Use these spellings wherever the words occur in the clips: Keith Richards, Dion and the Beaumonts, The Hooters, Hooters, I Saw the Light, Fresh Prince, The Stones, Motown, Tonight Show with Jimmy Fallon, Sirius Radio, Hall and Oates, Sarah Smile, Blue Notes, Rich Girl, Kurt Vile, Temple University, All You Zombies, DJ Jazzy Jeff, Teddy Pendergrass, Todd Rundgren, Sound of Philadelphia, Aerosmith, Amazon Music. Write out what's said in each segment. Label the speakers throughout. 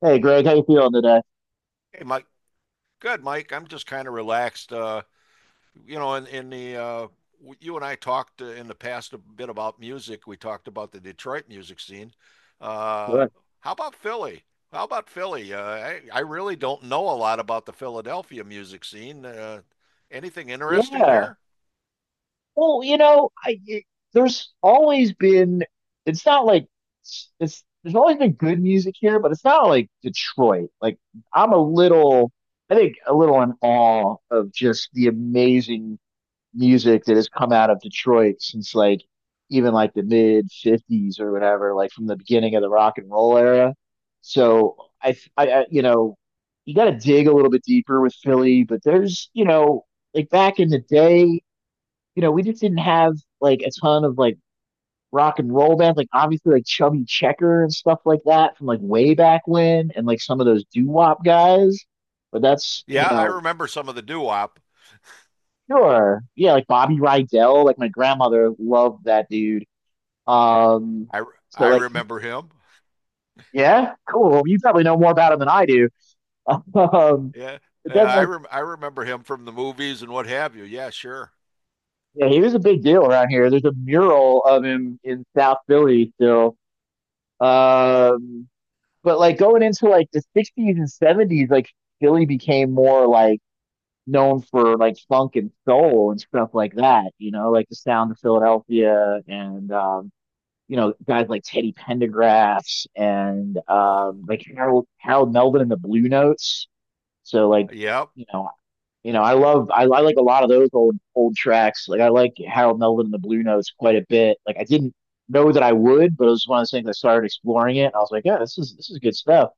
Speaker 1: Hey Greg, how you feeling today?
Speaker 2: Hey, Mike. Good, Mike. I'm just kind of relaxed. You know, in the you and I talked in the past a bit about music. We talked about the Detroit music scene. Uh,
Speaker 1: Good.
Speaker 2: how about Philly? How about Philly? I really don't know a lot about the Philadelphia music scene. Anything interesting
Speaker 1: Yeah.
Speaker 2: there?
Speaker 1: Well, there's always been it's not like there's always been good music here, but it's not like Detroit. Like I'm a little I think a little in awe of just the amazing music that has come out of Detroit since like even like the mid 50s or whatever, like from the beginning of the rock and roll era. So I you got to dig a little bit deeper with Philly, but there's, like back in the day, we just didn't have like a ton of like rock and roll bands, like obviously like Chubby Checker and stuff like that from like way back when, and like some of those doo wop guys. But that's,
Speaker 2: Yeah, I remember some of the doo-wop.
Speaker 1: Sure. Yeah, like Bobby Rydell, like my grandmother loved that dude. Um,
Speaker 2: I
Speaker 1: so
Speaker 2: I
Speaker 1: like he,
Speaker 2: remember him.
Speaker 1: yeah, cool. You probably know more about him than I do. Um,
Speaker 2: Yeah,
Speaker 1: but
Speaker 2: yeah,
Speaker 1: then like
Speaker 2: I remember him from the movies and what have you. Yeah, sure.
Speaker 1: Yeah, he was a big deal around here. There's a mural of him in South Philly still. Um, but like going into like the 60s and 70s, like Philly became more like known for like funk and soul and stuff like that, like the sound of Philadelphia, and guys like Teddy Pendergrass and
Speaker 2: Oh,
Speaker 1: like Harold Melvin and the Blue Notes. So like,
Speaker 2: yeah.
Speaker 1: you know, I like a lot of those old tracks. Like I like Harold Melvin and the Blue Notes quite a bit. Like I didn't know that I would, but it was one of those things I started exploring it. And I was like, yeah, this is good stuff.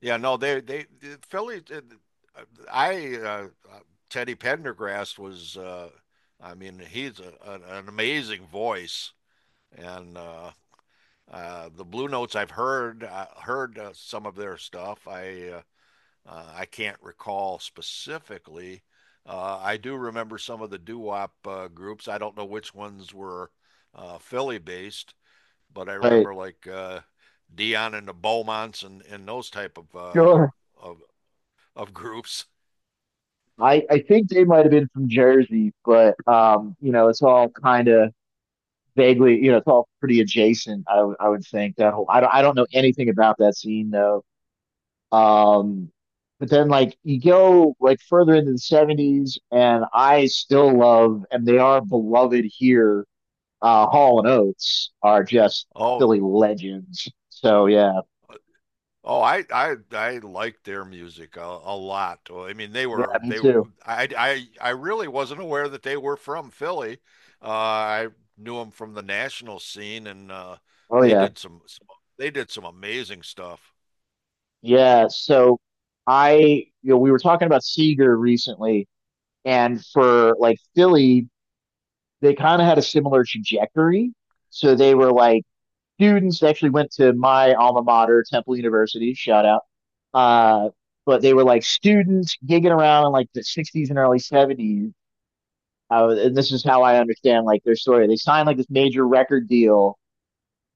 Speaker 2: Yeah, no, they the Philly. I Teddy Pendergrass was. I mean, he's an amazing voice, and the Blue Notes. I heard some of their stuff. I can't recall specifically. I do remember some of the doo-wop groups. I don't know which ones were Philly based, but I
Speaker 1: But
Speaker 2: remember like Dion and the Beaumonts, and those type of
Speaker 1: Sure.
Speaker 2: of of groups.
Speaker 1: I think they might have been from Jersey, but it's all kind of vaguely, it's all pretty adjacent. I would think that whole. I don't know anything about that scene though. Um, but then like you go like further into the 70s, and I still love, and they are beloved here. Hall and Oates are just
Speaker 2: Oh,
Speaker 1: Philly legends. So yeah.
Speaker 2: oh, I liked their music a lot. Well, I mean, they
Speaker 1: Yeah,
Speaker 2: were
Speaker 1: me
Speaker 2: they were
Speaker 1: too.
Speaker 2: I really wasn't aware that they were from Philly. I knew them from the national scene, and
Speaker 1: Oh
Speaker 2: they
Speaker 1: yeah.
Speaker 2: did some, some they did some amazing stuff.
Speaker 1: Yeah, so I we were talking about Seeger recently, and for like Philly they kind of had a similar trajectory. So they were like students that actually went to my alma mater, Temple University, shout out. Uh, but they were like students gigging around in like the 60s and early 70s. And this is how I understand like their story. They signed like this major record deal.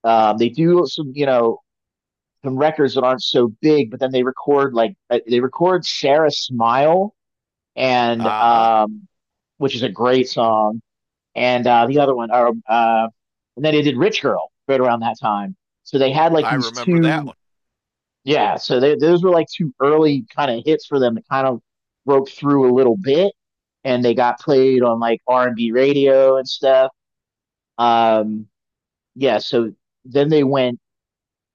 Speaker 1: They do some, some records that aren't so big, but then they record Sarah Smile, and
Speaker 2: Uh-huh.
Speaker 1: which is a great song. And uh, the other one, or, uh, and then they did Rich Girl right around that time. So they had like
Speaker 2: I
Speaker 1: these
Speaker 2: remember that
Speaker 1: two
Speaker 2: one.
Speaker 1: Yeah, so those were like two early kind of hits for them that kind of broke through a little bit, and they got played on like R and B radio and stuff. Um, yeah, so then they went,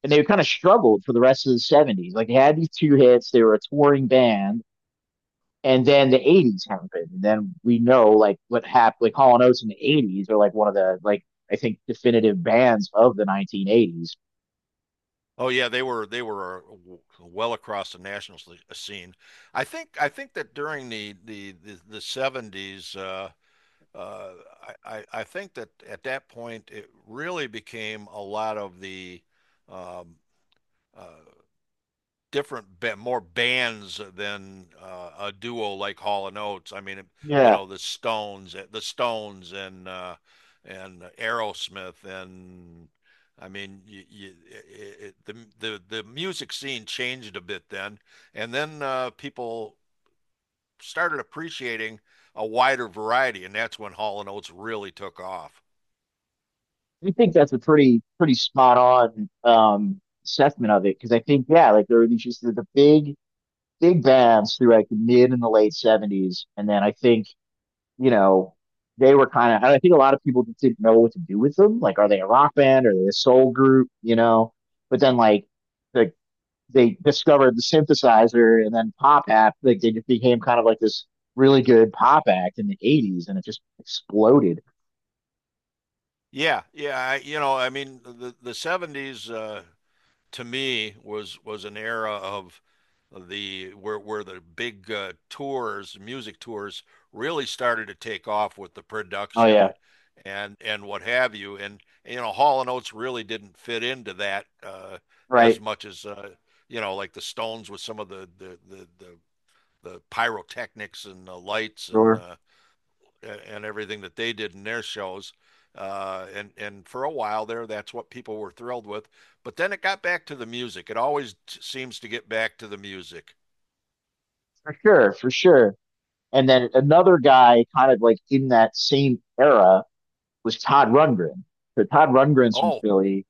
Speaker 1: and they kind of struggled for the rest of the '70s. Like they had these two hits, they were a touring band, and then the '80s happened, and then we know like what happened. Like Hall and Oates in the '80s are like one of the like I think definitive bands of the 1980s.
Speaker 2: Oh yeah, they were well across the national scene. I think that during the '70s uh, I think that at that point it really became a lot of the um, uh, different more bands than a duo like Hall and Oates. I mean, you
Speaker 1: Yeah,
Speaker 2: know, the Stones, and Aerosmith, and I mean, you, it, the music scene changed a bit then, and then people started appreciating a wider variety, and that's when Hall and Oates really took off.
Speaker 1: I think that's a pretty spot on assessment of it, because I think yeah, like there were these just the big bands through like the mid and the late '70s, and then I think you know they were kind of I think a lot of people just didn't know what to do with them. Like, are they a rock band? Are they a soul group? You know, but then like the they discovered the synthesizer, and then pop act. Like they just became kind of like this really good pop act in the '80s, and it just exploded.
Speaker 2: Yeah, yeah, you know, I mean, the '70s to me was an era of the where the big music tours really started to take off with the
Speaker 1: Oh yeah,
Speaker 2: production and what have you. And you know, Hall and Oates really didn't fit into that as
Speaker 1: right.
Speaker 2: much as you know, like the Stones with some of the pyrotechnics and the lights
Speaker 1: Sure.
Speaker 2: and everything that they did in their shows. And for a while there, that's what people were thrilled with. But then it got back to the music. Seems to get back to the music.
Speaker 1: For sure, for sure. And then another guy kind of like in that same era was Todd Rundgren. So Todd Rundgren's from
Speaker 2: Oh,
Speaker 1: Philly.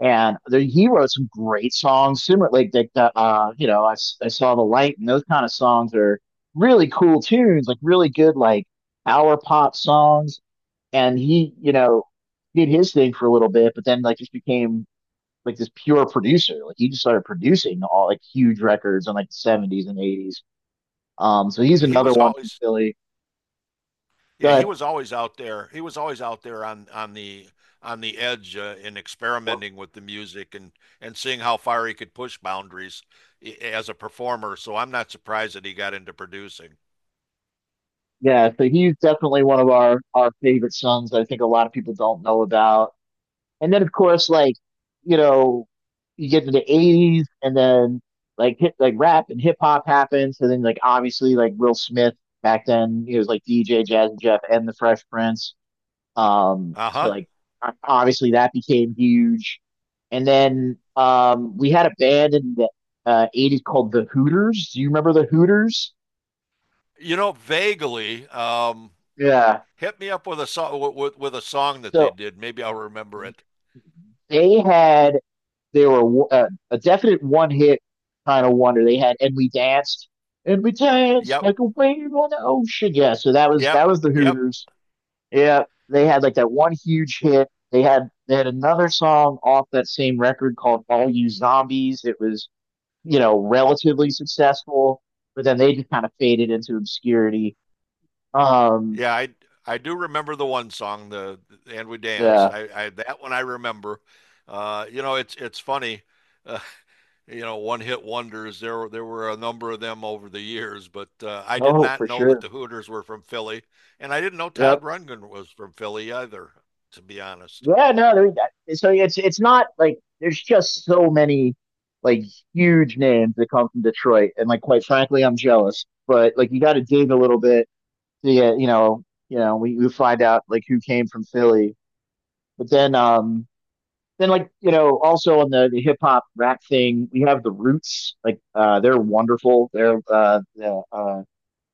Speaker 1: And there, he wrote some great songs, similar like "I saw the light," and those kind of songs are really cool tunes, like really good like hour pop songs. And he, did his thing for a little bit, but then like just became like this pure producer. Like he just started producing all like huge records in like the 70s and 80s. So he's
Speaker 2: he
Speaker 1: another
Speaker 2: was
Speaker 1: one from
Speaker 2: always
Speaker 1: Philly.
Speaker 2: Yeah, he
Speaker 1: But
Speaker 2: was always out there. He was always out there on the edge in experimenting with the music and seeing how far he could push boundaries as a performer. So I'm not surprised that he got into producing.
Speaker 1: Yeah, so he's definitely one of our favorite sons that I think a lot of people don't know about. And then of course, like, you know, you get into the 80s, and then like hit like rap and hip hop happens. And then like obviously like Will Smith, back then he was like DJ Jazzy Jeff and the Fresh Prince. So
Speaker 2: Uh-huh.
Speaker 1: like obviously that became huge. And then we had a band in the 80s called the Hooters. Do you remember the Hooters?
Speaker 2: You know, vaguely.
Speaker 1: Yeah.
Speaker 2: Hit me up with a song a song that they
Speaker 1: So
Speaker 2: did. Maybe I'll remember it.
Speaker 1: they had they were a definite one hit kind of wonder. They had "And We Danced," and we danced
Speaker 2: Yep,
Speaker 1: like a wave on the ocean. Yeah, so that was
Speaker 2: yep,
Speaker 1: that was the
Speaker 2: yep.
Speaker 1: Hooters. Yeah, they had like that one huge hit. They had another song off that same record called "All You Zombies." It was relatively successful, but then they just kind of faded into obscurity. Um,
Speaker 2: Yeah, I do remember the one song, the and we danced.
Speaker 1: yeah,
Speaker 2: I, that one I remember. You know, it's funny. Uh, you know, one hit wonders. There were a number of them over the years, but I did
Speaker 1: oh
Speaker 2: not
Speaker 1: for
Speaker 2: know that
Speaker 1: sure.
Speaker 2: the Hooters were from Philly, and I didn't know Todd
Speaker 1: Yep.
Speaker 2: Rundgren was from Philly either. To be honest.
Speaker 1: Yeah, no, so it's not like there's just so many like huge names that come from Detroit, and like quite frankly, I'm jealous. But like you got to dig a little bit to get, we find out like who came from Philly. But then also on the hip hop rap thing, we have the Roots. Like they're wonderful. They're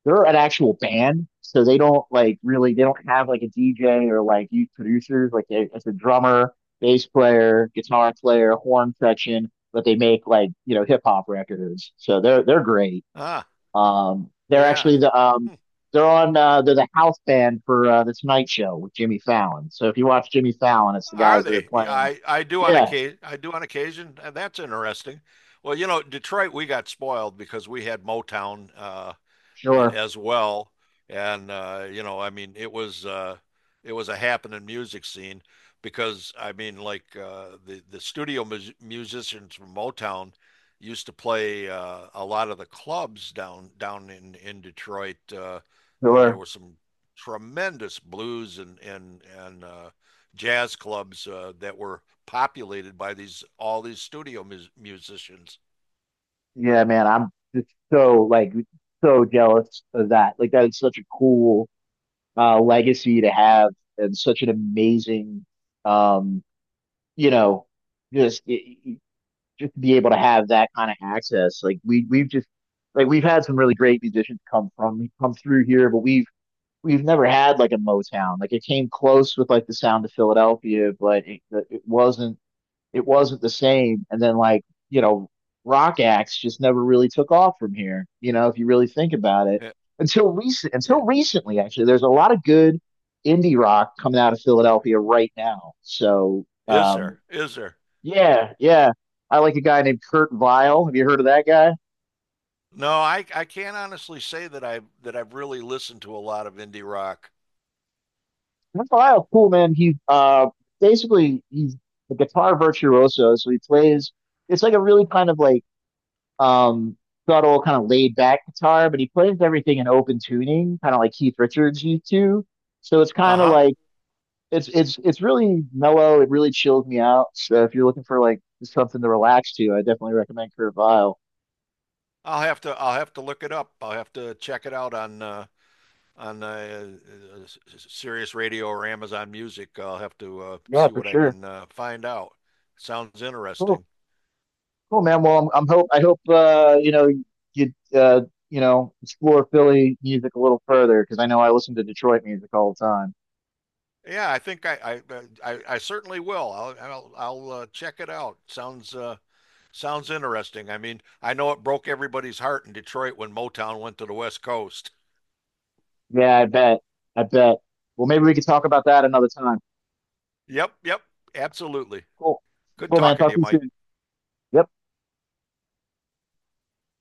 Speaker 1: they're an actual band, so they don't have like a DJ or like youth producers. Like it's a drummer, bass player, guitar player, horn section, but they make like hip hop records. So they're great.
Speaker 2: Ah,
Speaker 1: They're
Speaker 2: yeah.
Speaker 1: actually they're the house band for the Tonight Show with Jimmy Fallon. So if you watch Jimmy Fallon, it's the
Speaker 2: Are
Speaker 1: guys that are
Speaker 2: they?
Speaker 1: playing.
Speaker 2: I do on
Speaker 1: Yeah,
Speaker 2: occasion. I do on occasion, and that's interesting. Well, you know, Detroit, we got spoiled because we had Motown.
Speaker 1: sure,
Speaker 2: As well. And you know, I mean, it was a happening music scene because I mean, like the studio musicians from Motown used to play a lot of the clubs down in Detroit, and there
Speaker 1: sure.
Speaker 2: were some tremendous blues and jazz clubs that were populated by these all these studio musicians.
Speaker 1: Yeah, man, I'm just so like so jealous of that. Like that is such a cool legacy to have, and such an amazing, um, you know, just y- y- just to be able to have that kind of access. Like we we've just like we've had some really great musicians come through here, but we've never had like a Motown. Like it came close with like the sound of Philadelphia, but it wasn't, it wasn't the same. And then like, you know, rock acts just never really took off from here, if you really think about it.
Speaker 2: Yeah. Yeah.
Speaker 1: Until recently, actually, there's a lot of good indie rock coming out of Philadelphia right now. So
Speaker 2: Is there? Is there?
Speaker 1: yeah, yeah. I like a guy named Kurt Vile. Have you heard of that guy?
Speaker 2: No, I can't honestly say that I've really listened to a lot of indie rock.
Speaker 1: Kurt Vile, cool man. He basically he's a guitar virtuoso, so he plays it's like a really kind of like um, subtle, kind of laid back guitar, but he plays everything in open tuning, kind of like Keith Richards used to. So it's kind of
Speaker 2: Uh-huh.
Speaker 1: like it's really mellow. It really chills me out. So if you're looking for like something to relax to, I definitely recommend Kurt Vile.
Speaker 2: I'll have to look it up. I'll have to check it out on on uh, uh, Sirius Radio or Amazon Music. I'll have to
Speaker 1: Yeah,
Speaker 2: see
Speaker 1: for
Speaker 2: what I
Speaker 1: sure.
Speaker 2: can find out. Sounds
Speaker 1: Cool,
Speaker 2: interesting.
Speaker 1: cool, man. Well, I hope you you know explore Philly music a little further, because I know I listen to Detroit music all the time.
Speaker 2: Yeah, I certainly will. I'll check it out. Sounds sounds interesting. I mean, I know it broke everybody's heart in Detroit when Motown went to the West Coast.
Speaker 1: Yeah, I bet. I bet. Well, maybe we could talk about that another time.
Speaker 2: Yep, yep, absolutely.
Speaker 1: Cool.
Speaker 2: Good
Speaker 1: Cool, man.
Speaker 2: talking to
Speaker 1: Talk
Speaker 2: you,
Speaker 1: to you
Speaker 2: Mike.
Speaker 1: soon. Yeah,